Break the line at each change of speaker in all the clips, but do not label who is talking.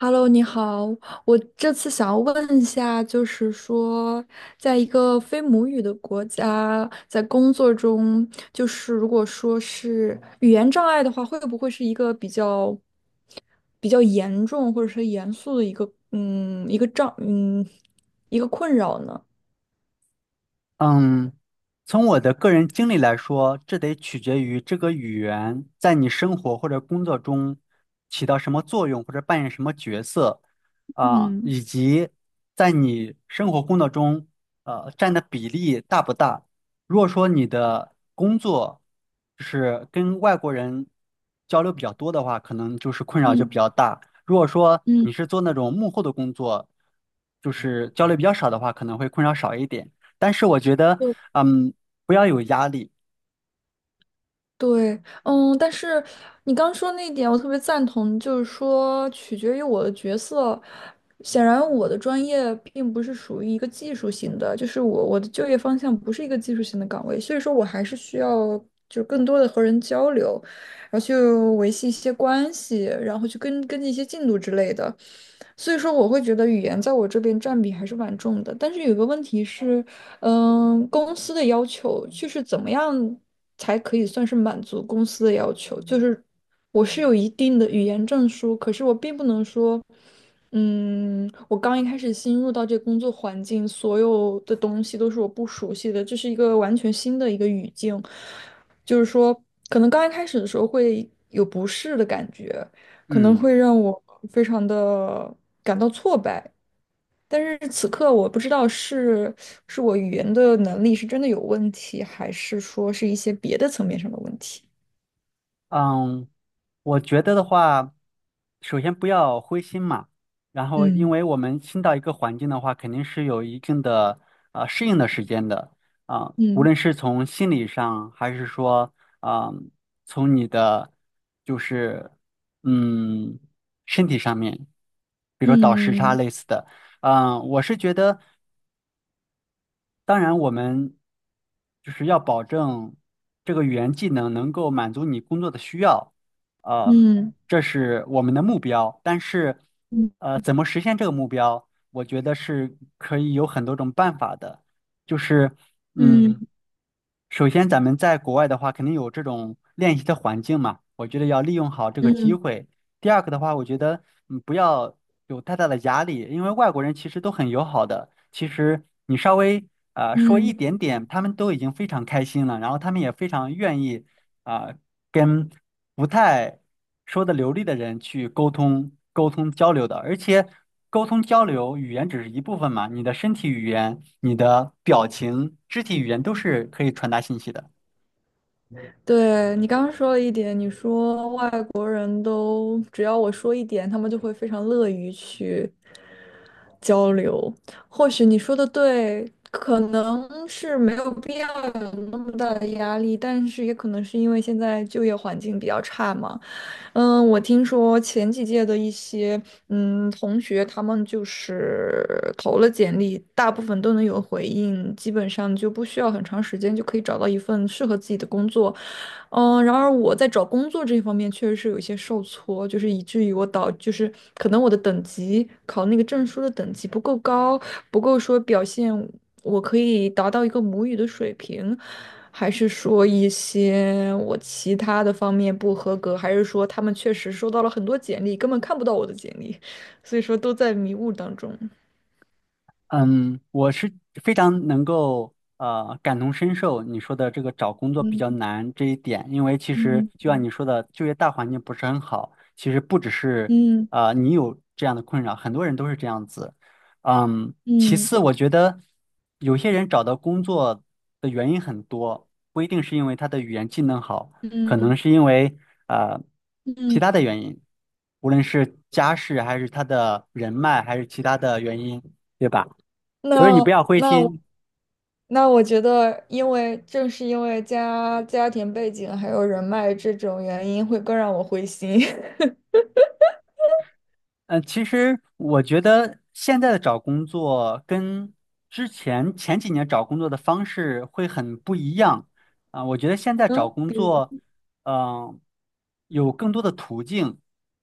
Hello，你好，我这次想要问一下，就是说，在一个非母语的国家，在工作中，就是如果说是语言障碍的话，会不会是一个比较严重或者是严肃的一个困扰呢？
嗯，从我的个人经历来说，这得取决于这个语言在你生活或者工作中起到什么作用，或者扮演什么角色，
嗯。
以及在你生活工作中，占的比例大不大。如果说你的工作就是跟外国人交流比较多的话，可能困扰就比较大。如果说你是做那种幕后的工作，就是交流比较少的话，可能会困扰少一点。但是我觉得，嗯，不要有压力。
对，但是你刚说那一点，我特别赞同，就是说取决于我的角色。显然，我的专业并不是属于一个技术型的，就是我的就业方向不是一个技术型的岗位，所以说我还是需要就是更多的和人交流，然后去维系一些关系，然后去跟进一些进度之类的。所以说，我会觉得语言在我这边占比还是蛮重的。但是有个问题是，公司的要求就是怎么样才可以算是满足公司的要求？就是我是有一定的语言证书，可是我并不能说，我刚一开始新入到这个工作环境，所有的东西都是我不熟悉的，这是一个完全新的一个语境，就是说，可能刚一开始的时候会有不适的感觉，可能
嗯
会让我非常的感到挫败。但是此刻我不知道是是我语言的能力是真的有问题，还是说是一些别的层面上的问题。
嗯，我觉得的话，首先不要灰心嘛，然后因
嗯。
为我们新到一个环境的话，肯定是有一定的适应的时间的啊，无
嗯。
论是从心理上，还是说，啊，从你的就是嗯身体上面，比如说倒时差
嗯。
类似的，嗯，我是觉得。当然，我们就是要保证这个语言技能能够满足你工作的需要，呃，
嗯。
这是我们的目标。但是，
嗯。
怎么实现这个目标，我觉得是可以有很多种办法的。就是，嗯嗯，
嗯。
首先，咱们在国外的话，肯定有这种练习的环境嘛，我觉得要利用好这个
嗯。
机
嗯。
会。第二个的话，我觉得不要有太大的压力，因为外国人其实都很友好的，其实你稍微说一
嗯。
点点，他们都已经非常开心了，然后他们也非常愿意啊、跟。不太说的流利的人去沟通交流的，而且沟通交流语言只是一部分嘛，你的身体语言、你的表情、肢体语言都是可以传达信息的。
对，你刚刚说了一点，你说外国人都只要我说一点，他们就会非常乐于去交流。或许你说的对，可能是没有必要有那么大的压力，但是也可能是因为现在就业环境比较差嘛。嗯，我听说前几届的一些同学，他们就是投了简历，大部分都能有回应，基本上就不需要很长时间就可以找到一份适合自己的工作。嗯，然而我在找工作这一方面确实是有一些受挫，就是以至于我导，就是可能我的等级考那个证书的等级不够高，不够说表现我可以达到一个母语的水平，还是说一些我其他的方面不合格，还是说他们确实收到了很多简历，根本看不到我的简历，所以说都在迷雾当中。
嗯，我是非常能够感同身受你说的这个找工作比较
嗯。
难这一点，因为其实
嗯。
就像
嗯。
你说的，就业大环境不是很好，其实不只是
嗯。
你有这样的困扰，很多人都是这样子。嗯，其
嗯。
次我觉得有些人找到工作的原因很多，不一定是因为他的语言技能好，可能
嗯。
是因为呃其
嗯。
他的原因，无论是家世还是他的人脉还是其他的原因，对吧？所以你不
那
要灰
那我
心。
那我觉得，因为正是因为家庭背景还有人脉这种原因，会更让我灰心。
嗯，其实我觉得现在的找工作跟前几年找工作的方式会很不一样啊，我觉得现在找
嗯，
工
比如，
作，嗯、有更多的途径，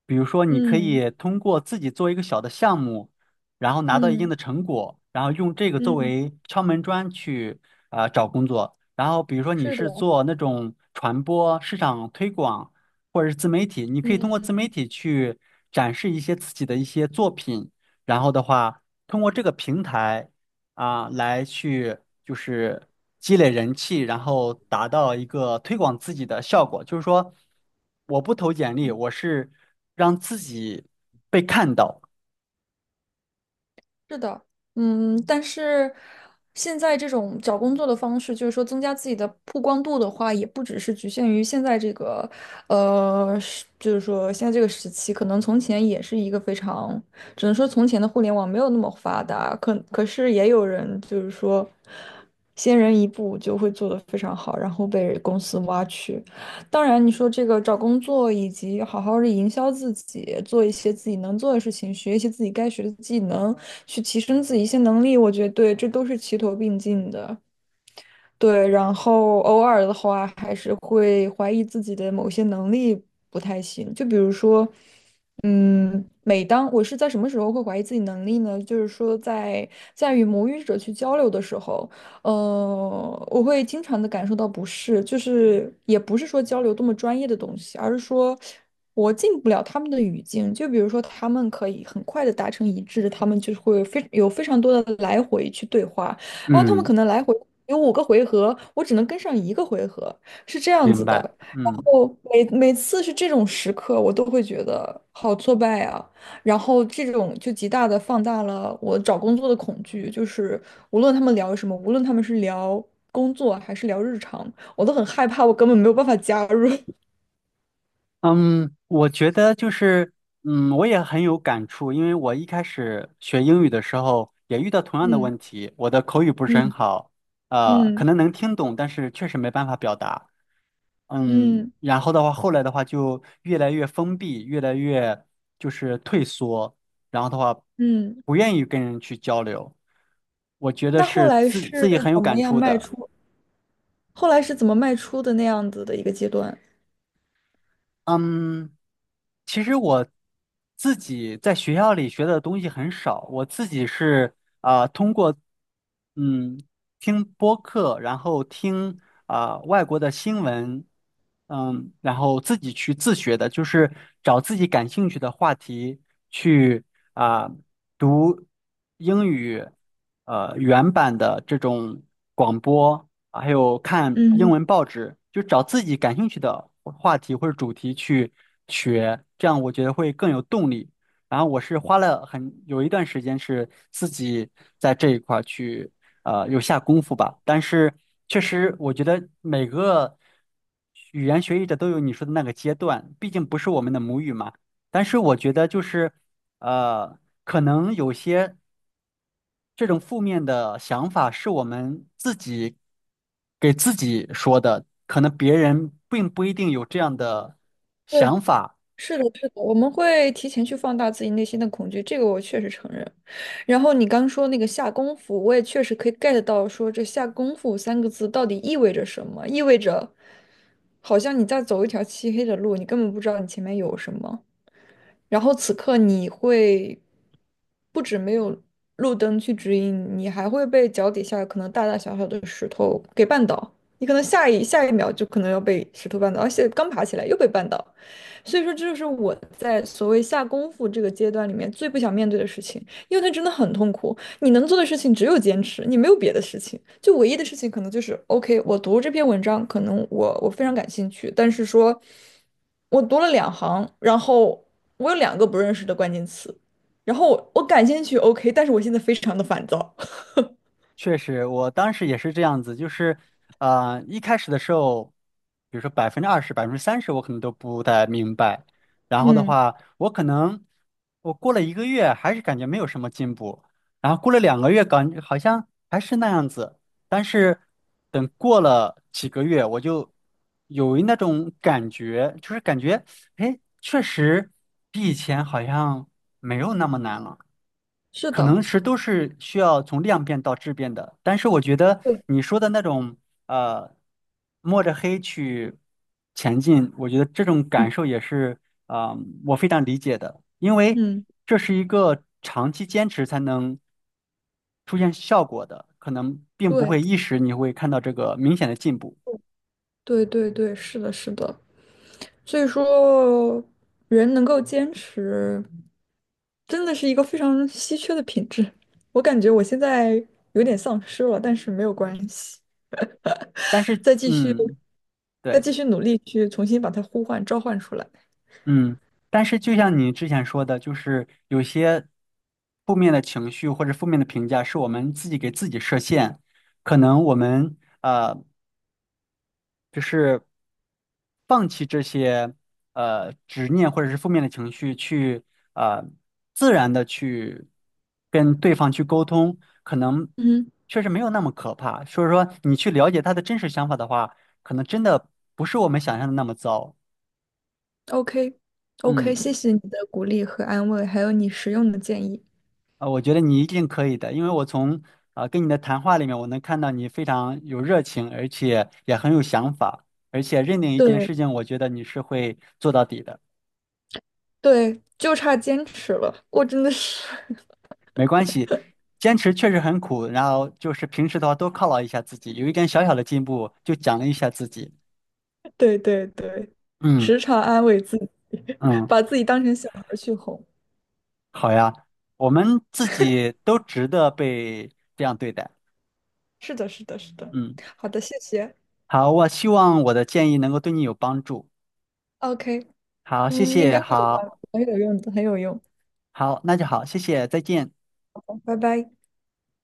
比如说你可
嗯。
以通过自己做一个小的项目，然后拿到一定
嗯。
的成果，然后用这个作
嗯。
为敲门砖去找工作。然后比如说你
是的，
是做那种传播、市场推广。或者是自媒体，你可以通过自媒
嗯。
体去展示一些自己的一些作品，然后的话，通过这个平台啊，来去就是积累人气，然后达到一个推广自己的效果。就是说，我不投简历，我是让自己被看到。
是的，嗯，但是现在这种找工作的方式，就是说增加自己的曝光度的话，也不只是局限于现在这个，是就是说现在这个时期，可能从前也是一个非常，只能说从前的互联网没有那么发达，可是也有人就是说，先人一步就会做得非常好，然后被公司挖去。当然，你说这个找工作以及好好的营销自己，做一些自己能做的事情，学一些自己该学的技能，去提升自己一些能力，我觉得对，这都是齐头并进的。对，然后偶尔的话，还是会怀疑自己的某些能力不太行。就比如说，每当我是在什么时候会怀疑自己能力呢？就是说在，在与母语者去交流的时候，我会经常的感受到不适，就是也不是说交流多么专业的东西，而是说我进不了他们的语境。就比如说，他们可以很快的达成一致，他们就会非常多的来回去对话。然后他们
嗯，
可能来回有五个回合，我只能跟上一个回合，是这样
明
子的。
白。
然
嗯。
后每次是这种时刻，我都会觉得好挫败啊。然后这种就极大的放大了我找工作的恐惧，就是无论他们聊什么，无论他们是聊工作还是聊日常，我都很害怕，我根本没有办法加入。
嗯，我觉得就是，嗯，我也很有感触，因为我一开始学英语的时候也遇到同样的
嗯。
问题，我的口语不是很
嗯。
好，可
嗯。
能能听懂，但是确实没办法表达。嗯，
嗯。
然后的话，后来的话就越来越封闭，越来越就是退缩，然后的话
嗯。
不愿意跟人去交流。我觉得
那后
是
来
自自
是
己很有
怎么
感
样
触
迈
的。
出？后来是怎么迈出的那样子的一个阶段？
嗯，其实我自己在学校里学的东西很少，我自己是通过嗯听播客，然后听外国的新闻，嗯，然后自己去自学的，就是找自己感兴趣的话题去啊、读英语原版的这种广播，啊还有看英
嗯，
文报纸，就找自己感兴趣的话题或者主题去学，这样我觉得会更有动力。然后我是花了很有一段时间是自己在这一块儿去有下功夫吧，但是确实我觉得每个语言学习者都有你说的那个阶段，毕竟不是我们的母语嘛。但是我觉得就是呃，可能有些这种负面的想法是我们自己给自己说的，可能别人并不一定有这样的想
对。
法。
是的，是的，我们会提前去放大自己内心的恐惧，这个我确实承认。然后你刚说那个下功夫，我也确实可以 get 到，说这下功夫三个字到底意味着什么？意味着好像你在走一条漆黑的路，你根本不知道你前面有什么。然后此刻你会不止没有路灯去指引，你还会被脚底下可能大大小小的石头给绊倒。你可能下一秒就可能要被石头绊倒，而且刚爬起来又被绊倒。所以说，这就是我在所谓下功夫这个阶段里面最不想面对的事情，因为它真的很痛苦。你能做的事情只有坚持，你没有别的事情。就唯一的事情可能就是，OK,我读这篇文章，可能我非常感兴趣，但是说，我读了两行，然后我有两个不认识的关键词，然后我感兴趣，OK,但是我现在非常的烦躁。
确实，我当时也是这样子，就是，一开始的时候，比如说20%、30%，我可能都不太明白。然后的
嗯，
话，我可能过了1个月，还是感觉没有什么进步。然后过了2个月，感好像还是那样子。但是等过了几个月，我就有那种感觉，就是感觉，哎，确实比以前好像没有那么难了。
是
可
的，
能是都是需要从量变到质变的，但是我觉得
对，
你说的那种呃，摸着黑去前进，我觉得这种感
嗯，
受也是啊、呃我非常理解的，因为
嗯，
这是一个长期坚持才能出现效果的，可能并不会
对，
一时你会看到这个明显的进步，
对对对，是的，是的。所以说，人能够坚持，真的是一个非常稀缺的品质。我感觉我现在有点丧失了，但是没有关系，
但是
再继续，
嗯，
再
对。
继续努力去重新把它呼唤、召唤出来。
嗯，但是就像你之前说的，就是有些负面的情绪或者负面的评价是我们自己给自己设限，可能我们就是放弃这些执念或者是负面的情绪去呃自然的去跟对方去沟通，可能
嗯
确实没有那么可怕。所以说你去了解他的真实想法的话，可能真的不是我们想象的那么糟。
，OK，OK，
嗯。
谢谢你的鼓励和安慰，还有你实用的建议。
啊，我觉得你一定可以的，因为我从跟你的谈话里面，我能看到你非常有热情，而且也很有想法，而且认定一件
对
事情，我觉得你是会做到底的。
对，就差坚持了。我真的是，
没关系，坚持确实很苦，然后就是平时的话多犒劳一下自己，有一点小小的进步就奖励一下自己。
对对对，
嗯
时常安慰自己，
嗯，
把自己当成小孩儿去哄。
好呀，我们自己都值得被这样对待。
是的，是的，是的。
嗯，
好的，谢谢。
好，我希望我的建议能够对你有帮助。
OK,
好，谢
嗯，应
谢，
该会有吧，
好
很有用的，很有用。
好，那就好，谢谢，再见。
好拜拜。